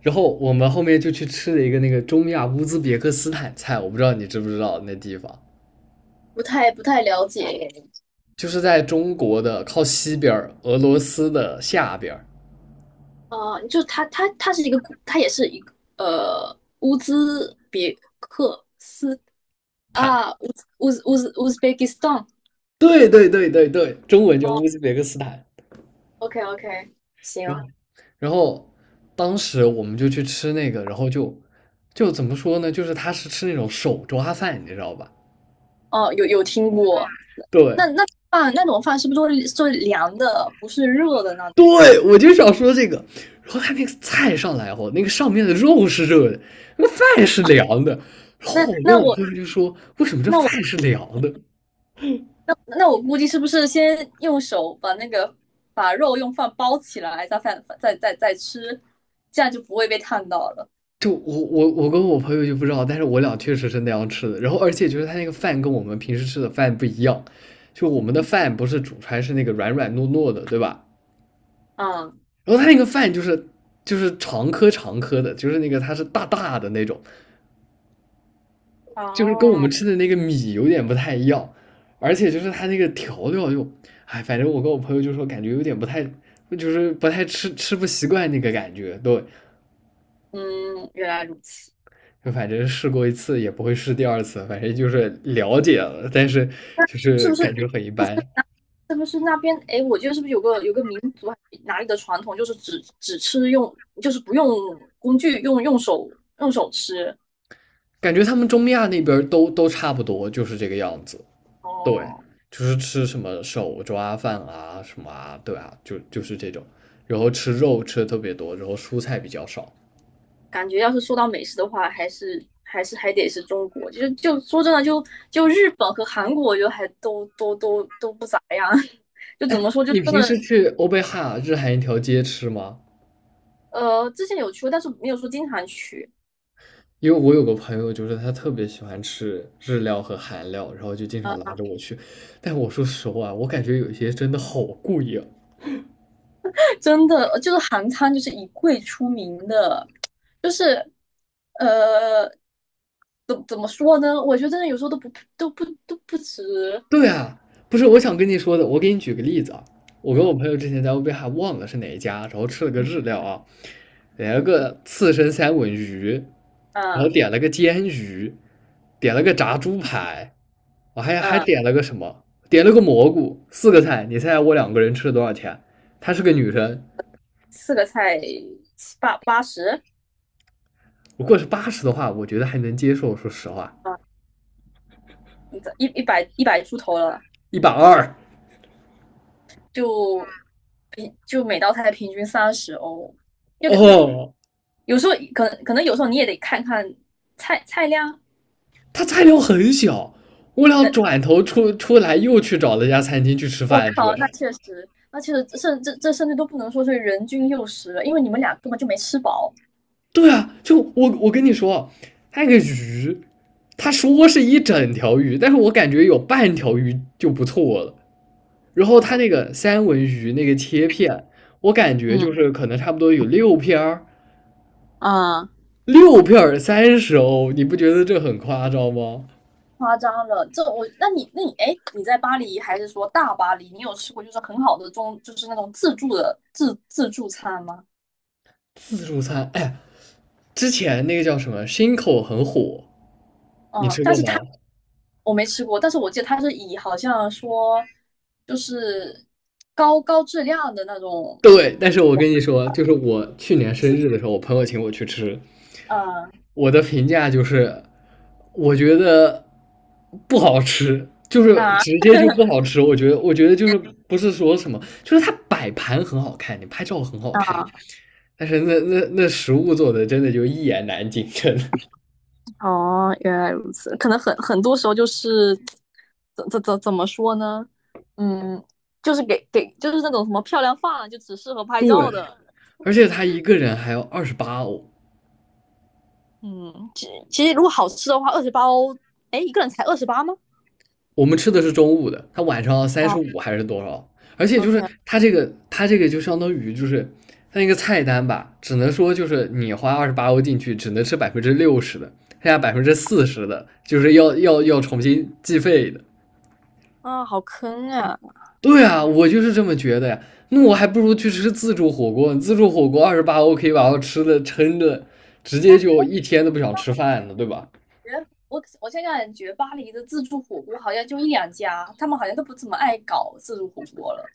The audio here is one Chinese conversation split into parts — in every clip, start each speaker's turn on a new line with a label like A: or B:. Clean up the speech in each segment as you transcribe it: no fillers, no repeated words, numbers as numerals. A: 然后我们后面就去吃了一个那个中亚乌兹别克斯坦菜，我不知道你知不知道那地方，
B: 不太了解。
A: 就是在中国的靠西边俄罗斯的下边儿。
B: 啊，呃就他他他是一个古，他也是一个呃乌兹别克斯
A: 坦，
B: 啊乌兹别克斯坦。
A: 对对对对对，中文叫
B: 哦
A: 乌兹别克斯坦。
B: ，OK OK，
A: 然
B: 行。
A: 后，然后当时我们就去吃那个，然后就怎么说呢？就是他是吃那种手抓饭，你知道吧？
B: 哦，有听过。
A: 对，
B: 那种饭是不是做凉的，不是热的呢？
A: 对，我就想说这个。然后他那个菜上来后，那个上面的肉是热的，那个饭是凉的。然
B: 那
A: 后我跟
B: 那
A: 我
B: 我
A: 朋友就说："为什么这
B: 那我
A: 饭是凉的？"
B: 那我估计是不是先用手把那个把肉用饭包起来，再饭再再再吃，这样就不会被烫到了。
A: 就我跟我朋友就不知道，但是我俩确实是那样吃的。然后而且就是他那个饭跟我们平时吃的饭不一样，就我
B: 嗯
A: 们的
B: 哼。
A: 饭不是煮出来是那个软软糯糯的，对吧？
B: 嗯。
A: 然后他那个饭就是长颗长颗的，就是那个它是大大的那种，就是跟我们
B: 哦。
A: 吃的那个米有点不太一样，而且就是它那个调料又，哎，反正我跟我朋友就说感觉有点不太，就是不太吃不习惯那个感觉，对，
B: 嗯，原来如此。
A: 就反正试过一次也不会试第二次，反正就是了解了，但是就
B: 是
A: 是
B: 不是？
A: 感
B: 嗯，
A: 觉很一般，
B: 是不是那边？哎，我记得是不是有个民族还是哪里的传统，就是只吃用，就是不用工具，用手吃。
A: 感觉他们中亚那边儿都差不多，就是这个样子，对，
B: 哦。
A: 就是吃什么手抓饭啊什么啊，对啊，就是这种，然后吃肉吃的特别多，然后蔬菜比较少。
B: 感觉要是说到美食的话，还是还得是中国。就是就说真的，就日本和韩国，我觉得还都不咋样。就怎么说，就
A: 你
B: 真
A: 平
B: 的。
A: 时去欧贝哈日韩一条街吃吗？
B: 之前有去过，但是没有说经常去。
A: 因为我有个朋友，就是他特别喜欢吃日料和韩料，然后就经常拉着我去。但我说实话，我感觉有一些真的好贵呀。
B: 真的就是韩餐就是以贵出名的。就是呃，怎么说呢？我觉得真的有时候都不值。
A: 对啊，不是我想跟你说的，我给你举个例子啊，我跟我
B: 嗯
A: 朋友之前在乌贝还忘了是哪一家，然后吃了个日料啊，点了个刺身三文鱼，然后
B: 嗯
A: 点了个煎鱼，点了个炸猪排，我还
B: 嗯。
A: 点了个什么，点了个蘑菇，4个菜，你猜猜我2个人吃了多少钱？她是个女生，
B: 四个菜七八十
A: 如果是80的话，我觉得还能接受，说实话，
B: 啊，一100出头了。
A: 一百二
B: 就就每道菜平均三十欧，就可能
A: 哦，
B: 有时候可能可能有时候你也得看看菜量。
A: 他菜量很小，我俩转头出来又去找了一家餐厅去吃
B: 我
A: 饭去。
B: 靠，那确实，那确实。甚这这甚至都不能说是人均60了，因为你们俩根本就没吃饱。
A: 对啊，就我跟你说，那个鱼，他说是一整条鱼，但是我感觉有半条鱼就不错了。然后他那
B: 嗯。
A: 个三文鱼那个切片，我感觉
B: 嗯，
A: 就是可能差不多有六片儿，
B: 啊，
A: 六片儿三十欧，你不觉得这很夸张吗？
B: 夸张了。这我，那你哎，你在巴黎还是说大巴黎？你有吃过就是很好的中，就是那种自助餐吗？
A: 自助餐，哎，之前那个叫什么 s 口很火，你
B: 嗯，
A: 吃
B: 但
A: 过
B: 是
A: 吗？
B: 它。我没吃过，但是我记得它是以好像说就是高质量的那种。
A: 对，但是我跟你说，就是我去年
B: 就
A: 生
B: 是
A: 日的时候，我朋友请我去吃，
B: 呃
A: 我的评价就是，我觉得不好吃，就是
B: 啊。
A: 直接就不 好吃。我觉得，我觉得就是不是说什么，就是它摆盘很好看，你拍照很好看，但是那食物做的真的就一言难尽，真的。
B: 哦，原来如此。可能很多时候就是，怎么说呢？嗯。就是就是那种什么漂亮饭，就只适合 拍
A: 对，
B: 照的。
A: 而且他一个人还要二十八欧，
B: 嗯，其实如果好吃的话，28欧，哎，一个人才二十八吗？
A: 我们吃的是中午的，他晚上三十
B: 哦
A: 五还是多少？而且就是
B: ，OK。
A: 他这个他这个就相当于就是他那个菜单吧，只能说就是你花二十八欧进去，只能吃60%的，剩下40%的就是要重新计费的。
B: 啊，好坑啊！
A: 对啊，我就是这么觉得呀。那我还不如去吃自助火锅，自助火锅二十八欧可以把我吃的撑着，直接
B: 但是
A: 就
B: 哎，
A: 一天都不想吃饭了，对吧？
B: 觉得我现在感觉巴黎的自助火锅好像就一两家，他们好像都不怎么爱搞自助火锅了。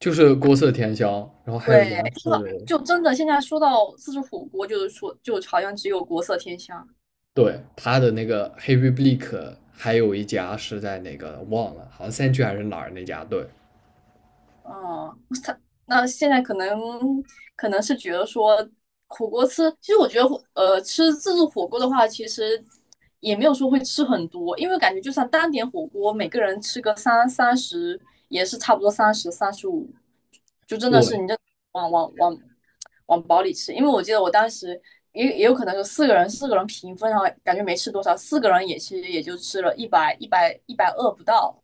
A: 就是国色天香，然后还有一家
B: 对，
A: 是
B: 就真的现在说到自助火锅，就是说就好像只有国色天香。
A: 对，他的那个 h e r y b l e a 还有一家是在哪个忘了，好像三区还是哪儿那家，对，
B: 哦。他那现在可能，可能是觉得说火锅吃，其实我觉得吃自助火锅的话，其实也没有说会吃很多，因为感觉就算单点火锅，每个人吃个三十也是差不多三十三十五，就真的是
A: 对，
B: 你这往往往往饱里吃。因为我记得我当时也有可能是四个人平分，然后感觉没吃多少，四个人也其实也就吃了120不到。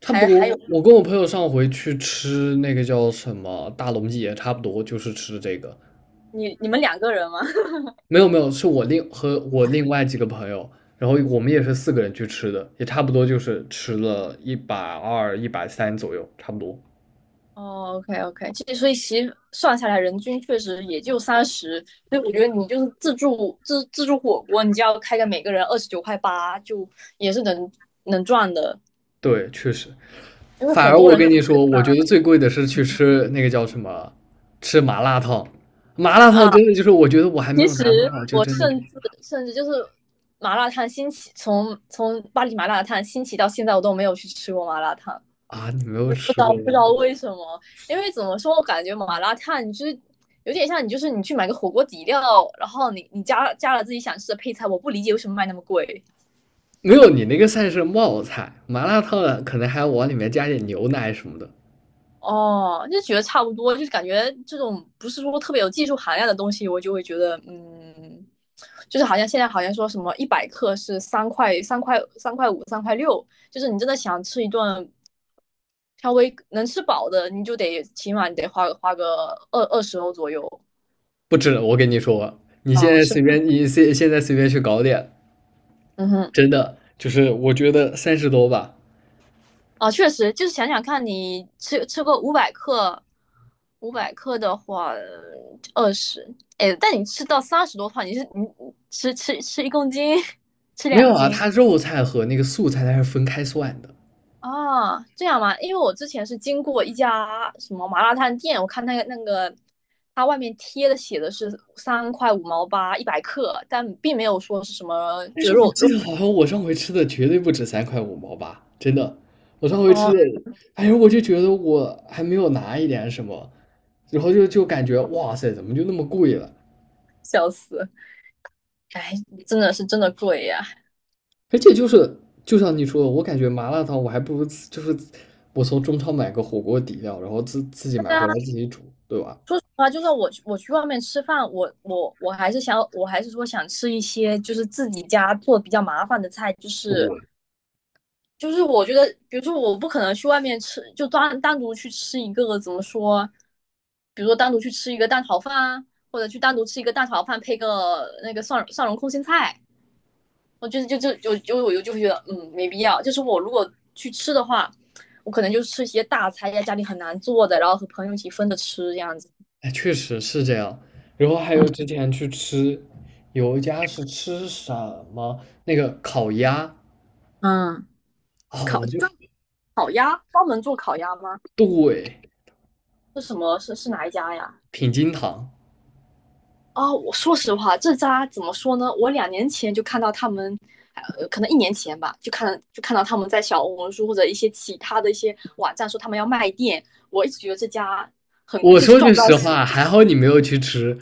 A: 差不多。我跟我朋友上回去吃那个叫什么大龙记，也差不多就是吃这个。
B: 你们两个人吗？
A: 没有没有，是我和我另外几个朋友，然后我们也是4个人去吃的，也差不多就是吃了一百二、130左右，差不多。
B: 哦，OK OK。其实算下来，人均确实也就三十，所以我觉得你就是自助火锅，你就要开个每个人29块8，就也是能赚的。
A: 对，确实。
B: 因为
A: 反
B: 很
A: 而
B: 多
A: 我
B: 人
A: 跟
B: 就
A: 你
B: 只
A: 说，我觉得最贵的是去吃那个叫什么，吃麻辣烫。麻辣烫
B: 啊，
A: 真的就是，我觉得我还没
B: 其
A: 有拿多
B: 实
A: 少，就
B: 我
A: 真的就
B: 甚至就是麻辣烫兴起，从巴黎麻辣烫兴起到现在，我都没有去吃过麻辣烫。
A: 啊，你没有
B: 不知
A: 吃过
B: 道不知
A: 吗？
B: 道为什么。因为怎么说，我感觉麻辣烫你就是有点像你就是你去买个火锅底料，然后你加了自己想吃的配菜，我不理解为什么卖那么贵。
A: 没有，你那个算是冒菜，麻辣烫可能还要往里面加点牛奶什么的。
B: 哦，就觉得差不多，就是感觉这种不是说特别有技术含量的东西，我就会觉得嗯，就是好像现在好像说什么一百克是3块5、3块6，就是你真的想吃一顿，稍微能吃饱的，你就得起码你得花个二十欧左右。
A: 不止，我跟你说，你现
B: 嗯，
A: 在
B: 是，
A: 随便，你现在随便去搞点，
B: 嗯哼。
A: 真的就是我觉得三十多吧。
B: 啊，确实，就是想想看你吃个五百克，五百克的话二十，哎，但你吃到30多的话，你是你吃1公斤，吃
A: 没
B: 两
A: 有啊，
B: 斤
A: 它肉菜和那个素菜它是分开算的。
B: 啊？这样吗？因为我之前是经过一家什么麻辣烫店，我看那个，它外面贴的写的是3.58/100克，但并没有说是什么
A: 但
B: 就
A: 是
B: 是
A: 我
B: 肉肉。
A: 记得好像我上回吃的绝对不止三块五毛吧，真的，我上回吃
B: 哦。
A: 的，哎呦，我就觉得我还没有拿一点什么，然后就感觉哇塞，怎么就那么贵了？
B: 笑死。哎。真的是真的贵呀、
A: 而且就是就像你说的，我感觉麻辣烫我还不如就是我从中超买个火锅底料，然后自己买回来自己煮，对吧？
B: 说实话，就算我去外面吃饭，我还是想，我还是说想吃一些就是自己家做比较麻烦的菜。就是
A: 我
B: 就是我觉得，比如说我不可能去外面吃，就独去吃一个怎么说，比如说单独去吃一个蛋炒饭啊，或者去单独吃一个蛋炒饭配个那个蒜蓉空心菜，我就就就就就我就就会觉得嗯没必要。就是我如果去吃的话，我可能就吃一些大菜，在家里很难做的，然后和朋友一起分着吃这样子。
A: 哎，确实是这样。然后还有之前去吃，有一家是吃什么那个烤鸭
B: 嗯。
A: 啊，
B: 烤就专门做烤鸭吗？
A: 对。
B: 是什么？是哪一家呀？
A: 品金堂。
B: 哦，我说实话，这家怎么说呢？我2年前就看到他们。呃，可能1年前吧，就看到他们在小红书或者一些其他的一些网站说他们要卖店。我一直觉得这家
A: 我说
B: 赚
A: 句
B: 不到。
A: 实话，还好你没有去吃。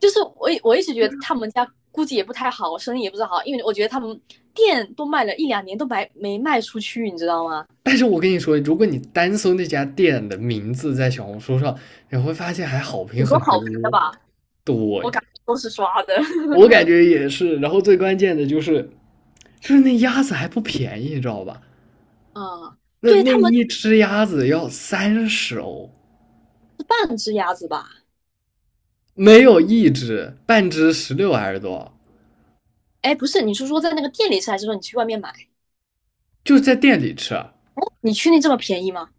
B: 就是我一直觉得他们家估计也不太好，生意也不是好，因为我觉得他们店都卖了一两年都没卖出去，你知道吗？
A: 但是我跟你说，如果你单搜那家店的名字在小红书上，你会发现还好评
B: 很
A: 很
B: 多
A: 多。
B: 好评的吧。我
A: 对，
B: 感觉都是刷的。
A: 我感 觉也是。然后最关键的就是，就是那鸭子还不便宜，你知道吧？
B: 嗯，
A: 那
B: 对
A: 那
B: 他们
A: 一只鸭子要三十欧，
B: 是半只鸭子吧？
A: 没有一只，半只十六还是多少？
B: 哎，不是，你是说在那个店里吃，还是说你去外面买？
A: 就在店里吃啊。
B: 你确定这么便宜吗？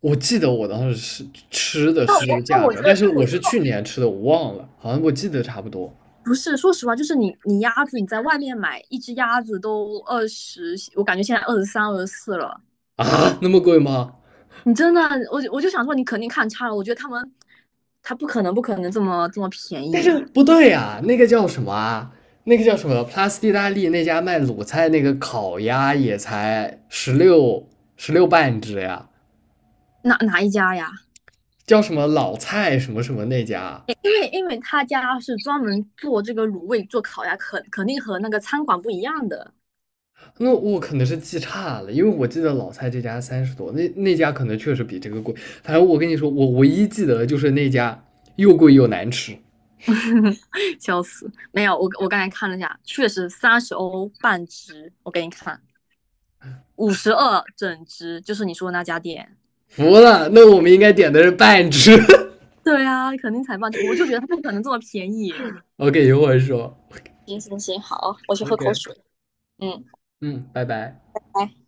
A: 我记得我当时是吃的是这
B: 那
A: 个
B: 哦
A: 价
B: 我觉
A: 格，但
B: 得，
A: 是
B: 那我
A: 我是去年吃的，我忘了，好像我记得差不多
B: 不是，说实话，就是你鸭子你在外面买一只鸭子都二十，我感觉现在23、24了。
A: 啊，那么贵吗？
B: 你真的，我就想说，你肯定看差了。我觉得他们他不可能这么便宜。
A: 不对呀。那个叫什么啊？那个叫什么？Plus 意大利那家卖卤菜那个烤鸭也才十六半只呀，
B: 哪一家呀？
A: 叫什么老蔡什么什么那家？
B: 因为他家是专门做这个卤味、做烤鸭，肯定和那个餐馆不一样的。
A: 那我可能是记差了，因为我记得老蔡这家三十多，那家可能确实比这个贵。反正我跟你说，我唯一记得的就是那家又贵又难吃。
B: 笑死，没有，我刚才看了一下，确实三十欧半只，我给你看。52整只，就是你说的那家店。
A: 服了，那我们应该点的是半只。
B: 对啊，肯定才半只，我就觉得它不可能这么便宜。
A: OK，一会儿说。
B: 行行行，好，我去喝口
A: OK，
B: 水。嗯。
A: 嗯，拜拜。
B: 拜。